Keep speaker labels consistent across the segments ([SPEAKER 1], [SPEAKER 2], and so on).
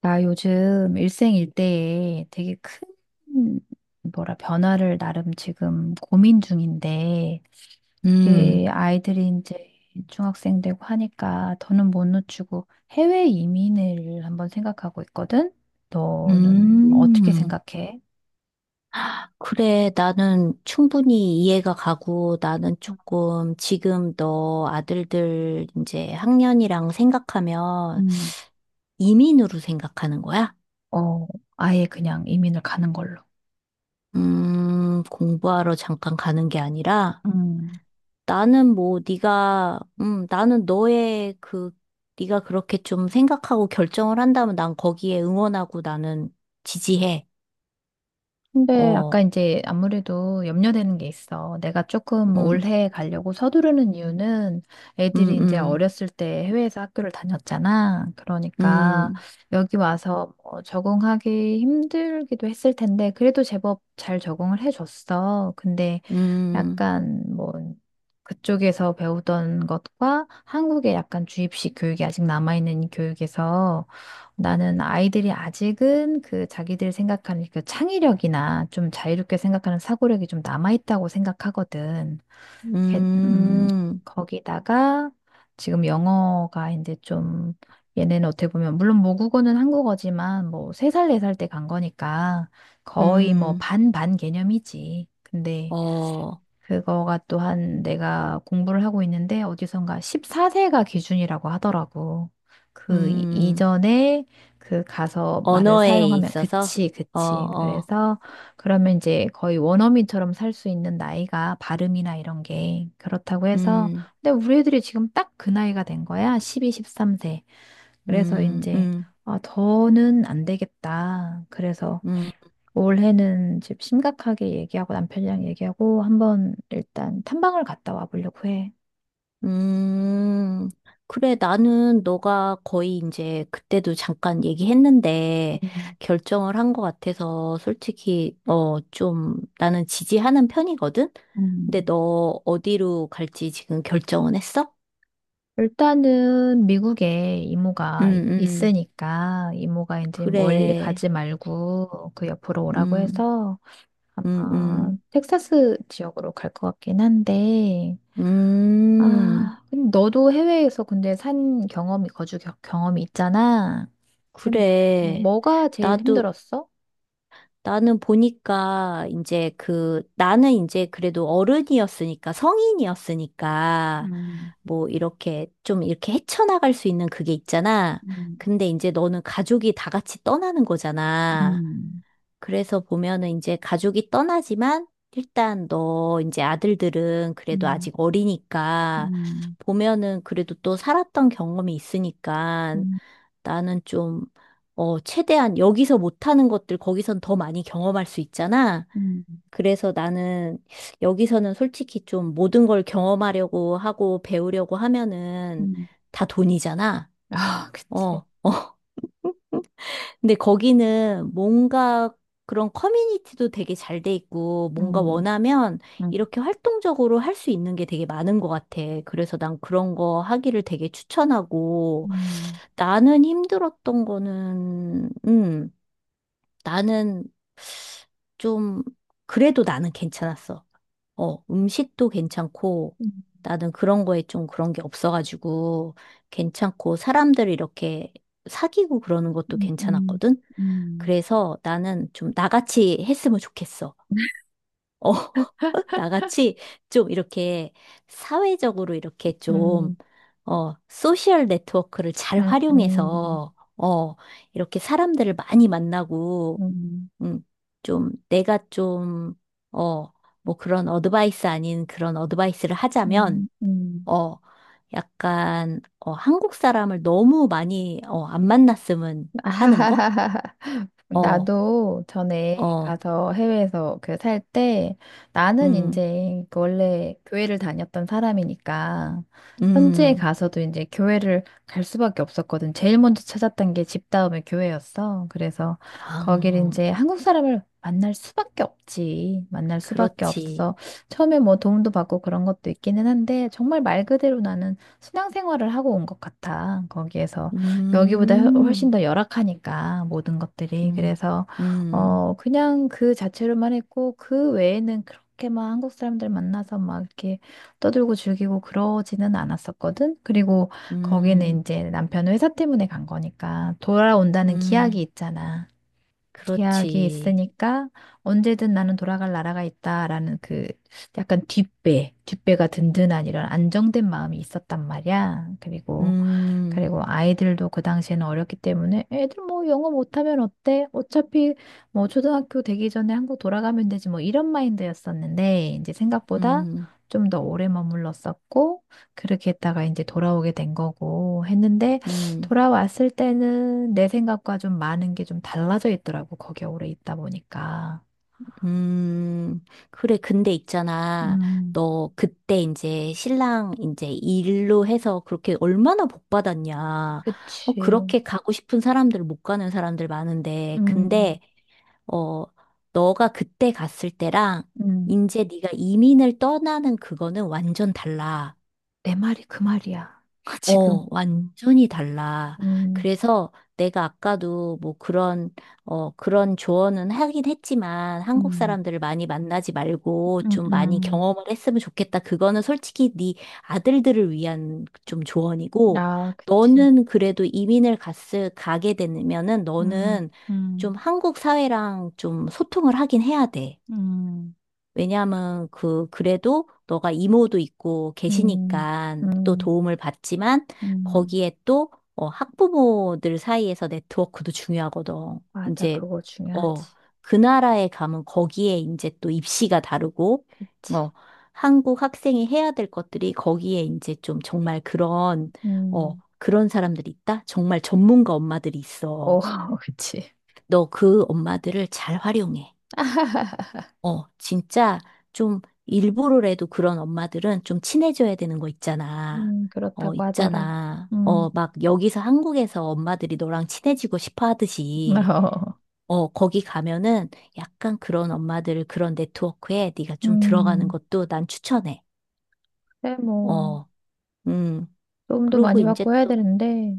[SPEAKER 1] 나 요즘 일생일대에 되게 큰, 뭐라, 변화를 나름 지금 고민 중인데,
[SPEAKER 2] 음,
[SPEAKER 1] 우리 아이들이 이제 중학생 되고 하니까 더는 못 놓치고 해외 이민을 한번 생각하고 있거든? 너는
[SPEAKER 2] 음,
[SPEAKER 1] 어떻게
[SPEAKER 2] 음.
[SPEAKER 1] 생각해?
[SPEAKER 2] 그래, 나는 충분히 이해가 가고 나는 조금 지금 너 아들들 이제 학년이랑 생각하면
[SPEAKER 1] 음,
[SPEAKER 2] 이민으로 생각하는 거야?
[SPEAKER 1] 어, 아예 그냥 이민을 가는 걸로.
[SPEAKER 2] 공부하러 잠깐 가는 게 아니라
[SPEAKER 1] 음.
[SPEAKER 2] 나는 뭐 네가 나는 너의 그 네가 그렇게 좀 생각하고 결정을 한다면 난 거기에 응원하고 나는 지지해.
[SPEAKER 1] 근데 아까
[SPEAKER 2] 어,
[SPEAKER 1] 이제 아무래도 염려되는 게 있어. 내가 조금
[SPEAKER 2] 음,
[SPEAKER 1] 올해 가려고 서두르는 이유는
[SPEAKER 2] 음,
[SPEAKER 1] 애들이 이제
[SPEAKER 2] 음,
[SPEAKER 1] 어렸을 때 해외에서 학교를 다녔잖아. 그러니까
[SPEAKER 2] 음,
[SPEAKER 1] 여기 와서 뭐 적응하기 힘들기도 했을 텐데 그래도 제법 잘 적응을 해줬어. 근데
[SPEAKER 2] 음.
[SPEAKER 1] 약간 뭐 그쪽에서 배우던 것과 한국의 약간 주입식 교육이 아직 남아있는 이 교육에서 나는 아이들이 아직은 그 자기들 생각하는 그 창의력이나 좀 자유롭게 생각하는 사고력이 좀 남아있다고 생각하거든. 이렇게,
[SPEAKER 2] 음,
[SPEAKER 1] 거기다가 지금 영어가 이제 좀 얘네는 어떻게 보면 물론 모국어는 한국어지만 뭐 3살 4살 때 간 거니까 거의 뭐
[SPEAKER 2] 음,
[SPEAKER 1] 반반 개념이지. 근데
[SPEAKER 2] 어,
[SPEAKER 1] 그거가 또한 내가 공부를 하고 있는데 어디선가 14세가 기준이라고 하더라고.
[SPEAKER 2] 음,
[SPEAKER 1] 이전에 그 가서 말을
[SPEAKER 2] 언어에
[SPEAKER 1] 사용하면
[SPEAKER 2] 있어서,
[SPEAKER 1] 그치,
[SPEAKER 2] 어,
[SPEAKER 1] 그치.
[SPEAKER 2] 어,
[SPEAKER 1] 그래서 그러면 이제 거의 원어민처럼 살 수 있는 나이가 발음이나 이런 게 그렇다고 해서
[SPEAKER 2] 음,
[SPEAKER 1] 근데 우리 애들이 지금 딱 그 나이가 된 거야. 12, 13세. 그래서
[SPEAKER 2] 음,
[SPEAKER 1] 이제
[SPEAKER 2] 음,
[SPEAKER 1] 아, 더는 안 되겠다. 그래서
[SPEAKER 2] 음,
[SPEAKER 1] 올해는 집 심각하게 얘기하고 남편이랑 얘기하고 한번 일단 탐방을 갔다 와 보려고 해.
[SPEAKER 2] 음. 그래, 나는 너가 거의 이제 그때도 잠깐 얘기했는데
[SPEAKER 1] 음,
[SPEAKER 2] 결정을 한 것 같아서 솔직히, 좀 나는 지지하는 편이거든? 근데
[SPEAKER 1] 음,
[SPEAKER 2] 너 어디로 갈지 지금 결정은 했어?
[SPEAKER 1] 일단은 미국에
[SPEAKER 2] 음,
[SPEAKER 1] 이모가
[SPEAKER 2] 음,
[SPEAKER 1] 있으니까 이모가 이제 멀리
[SPEAKER 2] 그래,
[SPEAKER 1] 가지 말고 그 옆으로 오라고
[SPEAKER 2] 음,
[SPEAKER 1] 해서
[SPEAKER 2] 음,
[SPEAKER 1] 아,
[SPEAKER 2] 음.
[SPEAKER 1] 텍사스 지역으로 갈 것 같긴 한데
[SPEAKER 2] 음,
[SPEAKER 1] 아, 근데 너도 해외에서 근데 산 경험이 거주 경험이 있잖아. 이게
[SPEAKER 2] 그래.
[SPEAKER 1] 뭐가 제일
[SPEAKER 2] 나도,
[SPEAKER 1] 힘들었어?
[SPEAKER 2] 나는 보니까 이제 나는 이제 그래도 어른이었으니까, 성인이었으니까,
[SPEAKER 1] 음,
[SPEAKER 2] 뭐 이렇게 좀 이렇게 헤쳐나갈 수 있는 그게 있잖아.
[SPEAKER 1] 음,
[SPEAKER 2] 근데 이제 너는 가족이 다 같이 떠나는 거잖아.
[SPEAKER 1] 음.
[SPEAKER 2] 그래서 보면은 이제 가족이 떠나지만 일단 너 이제 아들들은 그래도
[SPEAKER 1] 음,
[SPEAKER 2] 아직 어리니까
[SPEAKER 1] 음,
[SPEAKER 2] 보면은 그래도 또 살았던 경험이 있으니까
[SPEAKER 1] 음,
[SPEAKER 2] 나는 좀, 어, 최대한 여기서 못하는 것들 거기선 더 많이 경험할 수 있잖아.
[SPEAKER 1] 음,
[SPEAKER 2] 그래서 나는 여기서는 솔직히 좀 모든 걸 경험하려고 하고 배우려고 하면은
[SPEAKER 1] 음.
[SPEAKER 2] 다 돈이잖아.
[SPEAKER 1] 아, 그치.
[SPEAKER 2] 어. 근데 거기는 뭔가 그런 커뮤니티도 되게 잘 돼 있고, 뭔가
[SPEAKER 1] 음,
[SPEAKER 2] 원하면
[SPEAKER 1] 음,
[SPEAKER 2] 이렇게 활동적으로 할 수 있는 게 되게 많은 것 같아. 그래서 난 그런 거 하기를 되게 추천하고,
[SPEAKER 1] 음,
[SPEAKER 2] 나는 힘들었던 거는, 나는 좀, 그래도 나는 괜찮았어. 어, 음식도 괜찮고,
[SPEAKER 1] 음,
[SPEAKER 2] 나는 그런 거에 좀 그런 게 없어가지고, 괜찮고, 사람들 이렇게 사귀고 그러는 것도
[SPEAKER 1] 음,
[SPEAKER 2] 괜찮았거든?
[SPEAKER 1] 음,
[SPEAKER 2] 그래서 나는 좀 나같이 했으면 좋겠어. 어, 나같이 좀 이렇게 사회적으로 이렇게
[SPEAKER 1] 음,
[SPEAKER 2] 좀, 어, 소셜 네트워크를 잘
[SPEAKER 1] 음, 음,
[SPEAKER 2] 활용해서, 이렇게 사람들을 많이
[SPEAKER 1] 음,
[SPEAKER 2] 만나고,
[SPEAKER 1] 음,
[SPEAKER 2] 음, 좀 내가 좀, 어, 뭐 그런 어드바이스 아닌 그런 어드바이스를 하자면,
[SPEAKER 1] 음. 음.
[SPEAKER 2] 어, 약간, 어, 한국 사람을 너무 많이, 어, 안 만났으면 하는 거?
[SPEAKER 1] 아하하하하.
[SPEAKER 2] 어,
[SPEAKER 1] 나도 전에
[SPEAKER 2] 어.
[SPEAKER 1] 가서 해외에서 그 살 때 나는
[SPEAKER 2] 음.
[SPEAKER 1] 이제 그 원래 교회를 다녔던 사람이니까 현지에
[SPEAKER 2] 음,
[SPEAKER 1] 가서도 이제 교회를 갈 수밖에 없었거든. 제일 먼저 찾았던 게 집 다음에 교회였어. 그래서 거길
[SPEAKER 2] 아,
[SPEAKER 1] 이제 한국 사람을 만날 수밖에 없지. 만날 수밖에
[SPEAKER 2] 그렇지.
[SPEAKER 1] 없어. 처음에 뭐 도움도 받고 그런 것도 있기는 한데 정말 말 그대로 나는 신앙생활을 하고 온 것 같아. 거기에서. 여기보다 훨씬
[SPEAKER 2] 음,
[SPEAKER 1] 더 열악하니까 모든 것들이
[SPEAKER 2] 음,
[SPEAKER 1] 그래서
[SPEAKER 2] 음,
[SPEAKER 1] 어 그냥 그 자체로만 했고 그 외에는 그렇게 막 한국 사람들 만나서 막 이렇게 떠들고 즐기고 그러지는 않았었거든. 그리고 거기는
[SPEAKER 2] 음,
[SPEAKER 1] 이제 남편 회사 때문에 간 거니까 돌아온다는 기약이
[SPEAKER 2] 음,
[SPEAKER 1] 있잖아. 기약이
[SPEAKER 2] 그렇지.
[SPEAKER 1] 있으니까 언제든 나는 돌아갈 나라가 있다라는 그 약간 뒷배가 든든한 이런 안정된 마음이 있었단 말이야. 그리고
[SPEAKER 2] 음,
[SPEAKER 1] 아이들도 그 당시에는 어렸기 때문에 애들 뭐 영어 못하면 어때? 어차피 뭐 초등학교 되기 전에 한국 돌아가면 되지 뭐 이런 마인드였었는데 이제 생각보다
[SPEAKER 2] 음,
[SPEAKER 1] 좀 더 오래 머물렀었고 그렇게 했다가 이제 돌아오게 된 거고 했는데
[SPEAKER 2] 음,
[SPEAKER 1] 돌아왔을 때는 내 생각과 좀 많은 게 좀 달라져 있더라고 거기에 오래 있다 보니까.
[SPEAKER 2] 음. 그래, 근데 있잖아.
[SPEAKER 1] 음,
[SPEAKER 2] 너 그때 이제 신랑 이제 일로 해서 그렇게 얼마나 복 받았냐. 어,
[SPEAKER 1] 그치.
[SPEAKER 2] 그렇게 가고 싶은 사람들 못 가는 사람들 많은데.
[SPEAKER 1] 음,
[SPEAKER 2] 근데 어, 너가 그때 갔을 때랑
[SPEAKER 1] 음,
[SPEAKER 2] 이제 네가 이민을 떠나는 그거는 완전 달라.
[SPEAKER 1] 내 말이 그 말이야. 지금.
[SPEAKER 2] 어, 완전히 달라.
[SPEAKER 1] 음,
[SPEAKER 2] 그래서 내가 아까도 뭐 그런, 어, 그런 조언은 하긴 했지만 한국
[SPEAKER 1] 음,
[SPEAKER 2] 사람들을 많이 만나지 말고
[SPEAKER 1] 음,
[SPEAKER 2] 좀 많이
[SPEAKER 1] 음.
[SPEAKER 2] 경험을 했으면 좋겠다. 그거는 솔직히 네 아들들을 위한 좀 조언이고
[SPEAKER 1] 아, 그치.
[SPEAKER 2] 너는 그래도 이민을 갔을, 가게 되면은
[SPEAKER 1] 음,
[SPEAKER 2] 너는
[SPEAKER 1] 음,
[SPEAKER 2] 좀 한국 사회랑 좀 소통을 하긴 해야 돼.
[SPEAKER 1] 음,
[SPEAKER 2] 왜냐하면 그 그래도 너가 이모도 있고
[SPEAKER 1] 음,
[SPEAKER 2] 계시니까 또
[SPEAKER 1] 음,
[SPEAKER 2] 도움을 받지만
[SPEAKER 1] 음.
[SPEAKER 2] 거기에 또 어, 학부모들 사이에서 네트워크도 중요하거든.
[SPEAKER 1] 맞아,
[SPEAKER 2] 이제
[SPEAKER 1] 그거
[SPEAKER 2] 어,
[SPEAKER 1] 중요하지.
[SPEAKER 2] 그 나라에 가면 거기에 이제 또 입시가 다르고
[SPEAKER 1] 그치.
[SPEAKER 2] 어, 한국 학생이 해야 될 것들이 거기에 이제 좀 정말 그런 어,
[SPEAKER 1] 음,
[SPEAKER 2] 그런 사람들이 있다? 정말 전문가 엄마들이
[SPEAKER 1] 오,
[SPEAKER 2] 있어.
[SPEAKER 1] 그치.
[SPEAKER 2] 너 그 엄마들을 잘 활용해. 어, 진짜 좀 일부러라도 그런 엄마들은 좀 친해져야 되는 거 있잖아. 어,
[SPEAKER 1] 그렇다고 하더라.
[SPEAKER 2] 있잖아.
[SPEAKER 1] 음,
[SPEAKER 2] 어, 막 여기서 한국에서 엄마들이 너랑 친해지고 싶어 하듯이,
[SPEAKER 1] 어,
[SPEAKER 2] 어, 거기 가면은 약간 그런 엄마들 그런 네트워크에 네가 좀 들어가는
[SPEAKER 1] 음,
[SPEAKER 2] 것도 난 추천해.
[SPEAKER 1] 그래, 뭐,
[SPEAKER 2] 어, 음.
[SPEAKER 1] 도움도
[SPEAKER 2] 그러고
[SPEAKER 1] 많이
[SPEAKER 2] 이제
[SPEAKER 1] 받고 해야
[SPEAKER 2] 또,
[SPEAKER 1] 되는데,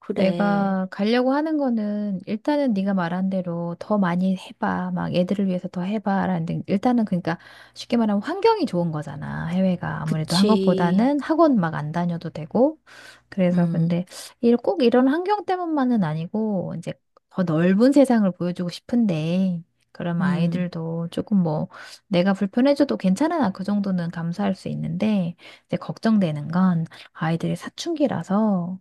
[SPEAKER 2] 그래.
[SPEAKER 1] 내가 가려고 하는 거는 일단은 네가 말한 대로 더 많이 해봐. 막 애들을 위해서 더 해봐. 라는데 일단은 그러니까 쉽게 말하면 환경이 좋은 거잖아. 해외가 아무래도
[SPEAKER 2] 그치.
[SPEAKER 1] 한국보다는 학원 막 안 다녀도 되고. 그래서
[SPEAKER 2] 음,
[SPEAKER 1] 근데 꼭 이런 환경 때문만은 아니고 이제 더 넓은 세상을 보여주고 싶은데 그러면
[SPEAKER 2] 음.
[SPEAKER 1] 아이들도 조금 뭐 내가 불편해져도 괜찮아. 나그 정도는 감수할 수 있는데 이제 걱정되는 건 아이들이 사춘기라서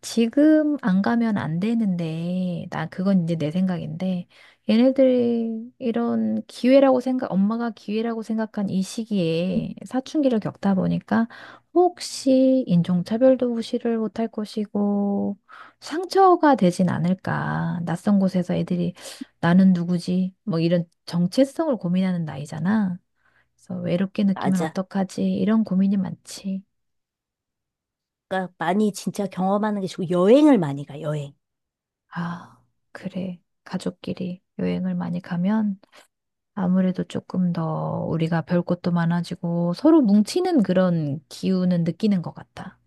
[SPEAKER 1] 지금 안 가면 안 되는데, 나 그건 이제 내 생각인데, 얘네들이 이런 기회라고 생각, 엄마가 기회라고 생각한 이 시기에 사춘기를 겪다 보니까 혹시 인종차별도 무시를 못할 것이고, 상처가 되진 않을까. 낯선 곳에서 애들이 나는 누구지? 뭐 이런 정체성을 고민하는 나이잖아. 그래서 외롭게 느끼면
[SPEAKER 2] 맞아.
[SPEAKER 1] 어떡하지? 이런 고민이 많지.
[SPEAKER 2] 그러니까 많이 진짜 경험하는 게 좋고 여행을 많이 가, 여행.
[SPEAKER 1] 아, 그래. 가족끼리 여행을 많이 가면 아무래도 조금 더 우리가 별 것도 많아지고 서로 뭉치는 그런 기운은 느끼는 것 같아.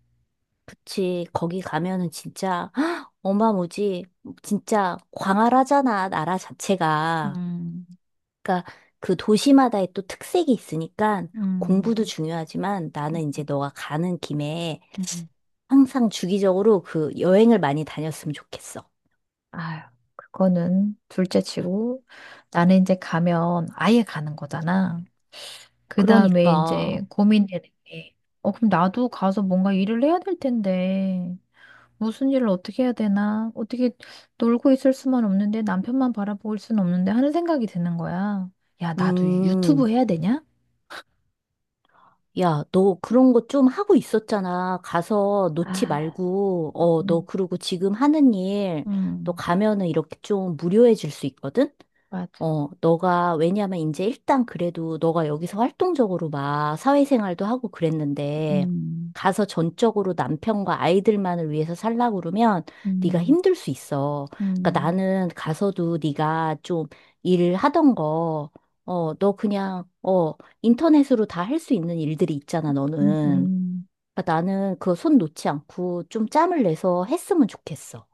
[SPEAKER 2] 그치. 거기 가면은 진짜 어마무지 진짜 광활하잖아 나라 자체가.
[SPEAKER 1] 음,
[SPEAKER 2] 그러니까 그 도시마다의 또 특색이 있으니까
[SPEAKER 1] 음,
[SPEAKER 2] 공부도 중요하지만 나는 이제
[SPEAKER 1] 음,
[SPEAKER 2] 너가 가는 김에
[SPEAKER 1] 음.
[SPEAKER 2] 항상 주기적으로 그 여행을 많이 다녔으면 좋겠어.
[SPEAKER 1] 아유, 그거는 둘째 치고 나는 이제 가면 아예 가는 거잖아. 그 다음에
[SPEAKER 2] 그러니까
[SPEAKER 1] 이제 고민되는 게, 어, 그럼 나도 가서 뭔가 일을 해야 될 텐데. 무슨 일을 어떻게 해야 되나? 어떻게 놀고 있을 수만 없는데 남편만 바라보고 수는 없는데 하는 생각이 드는 거야. 야, 나도
[SPEAKER 2] 음.
[SPEAKER 1] 유튜브 해야 되냐?
[SPEAKER 2] 야, 너 그런 거 좀 하고 있었잖아. 가서 놓지
[SPEAKER 1] 아,
[SPEAKER 2] 말고, 어, 너
[SPEAKER 1] 음,
[SPEAKER 2] 그리고 지금 하는 일, 너
[SPEAKER 1] 음,
[SPEAKER 2] 가면은 이렇게 좀 무료해 줄 수 있거든?
[SPEAKER 1] 맞아.
[SPEAKER 2] 어, 너가, 왜냐면 이제 일단 그래도 너가 여기서 활동적으로 막 사회생활도 하고 그랬는데,
[SPEAKER 1] 음,
[SPEAKER 2] 가서 전적으로 남편과 아이들만을 위해서 살라고 그러면 네가
[SPEAKER 1] 음,
[SPEAKER 2] 힘들 수 있어. 그러니까
[SPEAKER 1] 음,
[SPEAKER 2] 나는 가서도 네가 좀 일하던 거, 어, 너 그냥, 어, 인터넷으로 다 할 수 있는 일들이 있잖아,
[SPEAKER 1] 음,
[SPEAKER 2] 너는.
[SPEAKER 1] 음.
[SPEAKER 2] 그러니까 나는 그거 손 놓지 않고 좀 짬을 내서 했으면 좋겠어.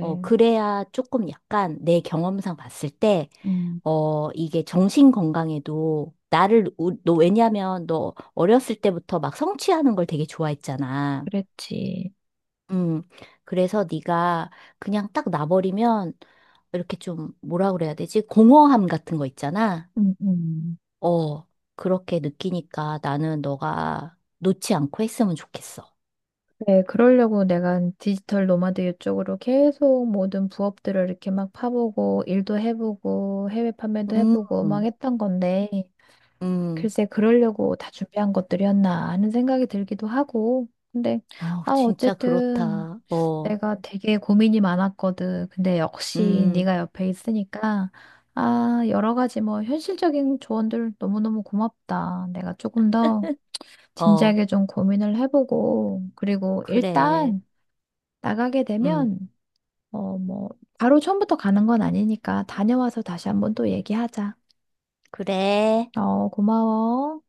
[SPEAKER 2] 어, 그래야 조금 약간 내 경험상 봤을 때
[SPEAKER 1] 음,
[SPEAKER 2] 어, 이게 정신 건강에도 너 왜냐면 너 어렸을 때부터 막 성취하는 걸 되게 좋아했잖아.
[SPEAKER 1] 그랬지.
[SPEAKER 2] 음, 그래서 네가 그냥 딱 놔버리면 이렇게 좀 뭐라 그래야 되지? 공허함 같은 거 있잖아.
[SPEAKER 1] 음, 음.
[SPEAKER 2] 어, 그렇게 느끼니까 나는 너가 놓지 않고 했으면 좋겠어.
[SPEAKER 1] 네, 그러려고 내가 디지털 노마드 이쪽으로 계속 모든 부업들을 이렇게 막 파보고, 일도 해보고, 해외 판매도
[SPEAKER 2] 음,
[SPEAKER 1] 해보고, 막 했던 건데,
[SPEAKER 2] 음,
[SPEAKER 1] 글쎄, 그러려고 다 준비한 것들이었나 하는 생각이 들기도 하고. 근데,
[SPEAKER 2] 어,
[SPEAKER 1] 아,
[SPEAKER 2] 진짜
[SPEAKER 1] 어쨌든
[SPEAKER 2] 그렇다.
[SPEAKER 1] 내가 되게 고민이 많았거든. 근데 역시
[SPEAKER 2] 음,
[SPEAKER 1] 네가 옆에 있으니까, 아, 여러 가지 뭐 현실적인 조언들 너무너무 고맙다. 내가 조금 더
[SPEAKER 2] 어,
[SPEAKER 1] 진지하게 좀 고민을 해보고, 그리고
[SPEAKER 2] 그래.
[SPEAKER 1] 일단 나가게
[SPEAKER 2] 음,
[SPEAKER 1] 되면, 어, 뭐, 바로 처음부터 가는 건 아니니까 다녀와서 다시 한번 또 얘기하자.
[SPEAKER 2] 그래.
[SPEAKER 1] 어, 고마워.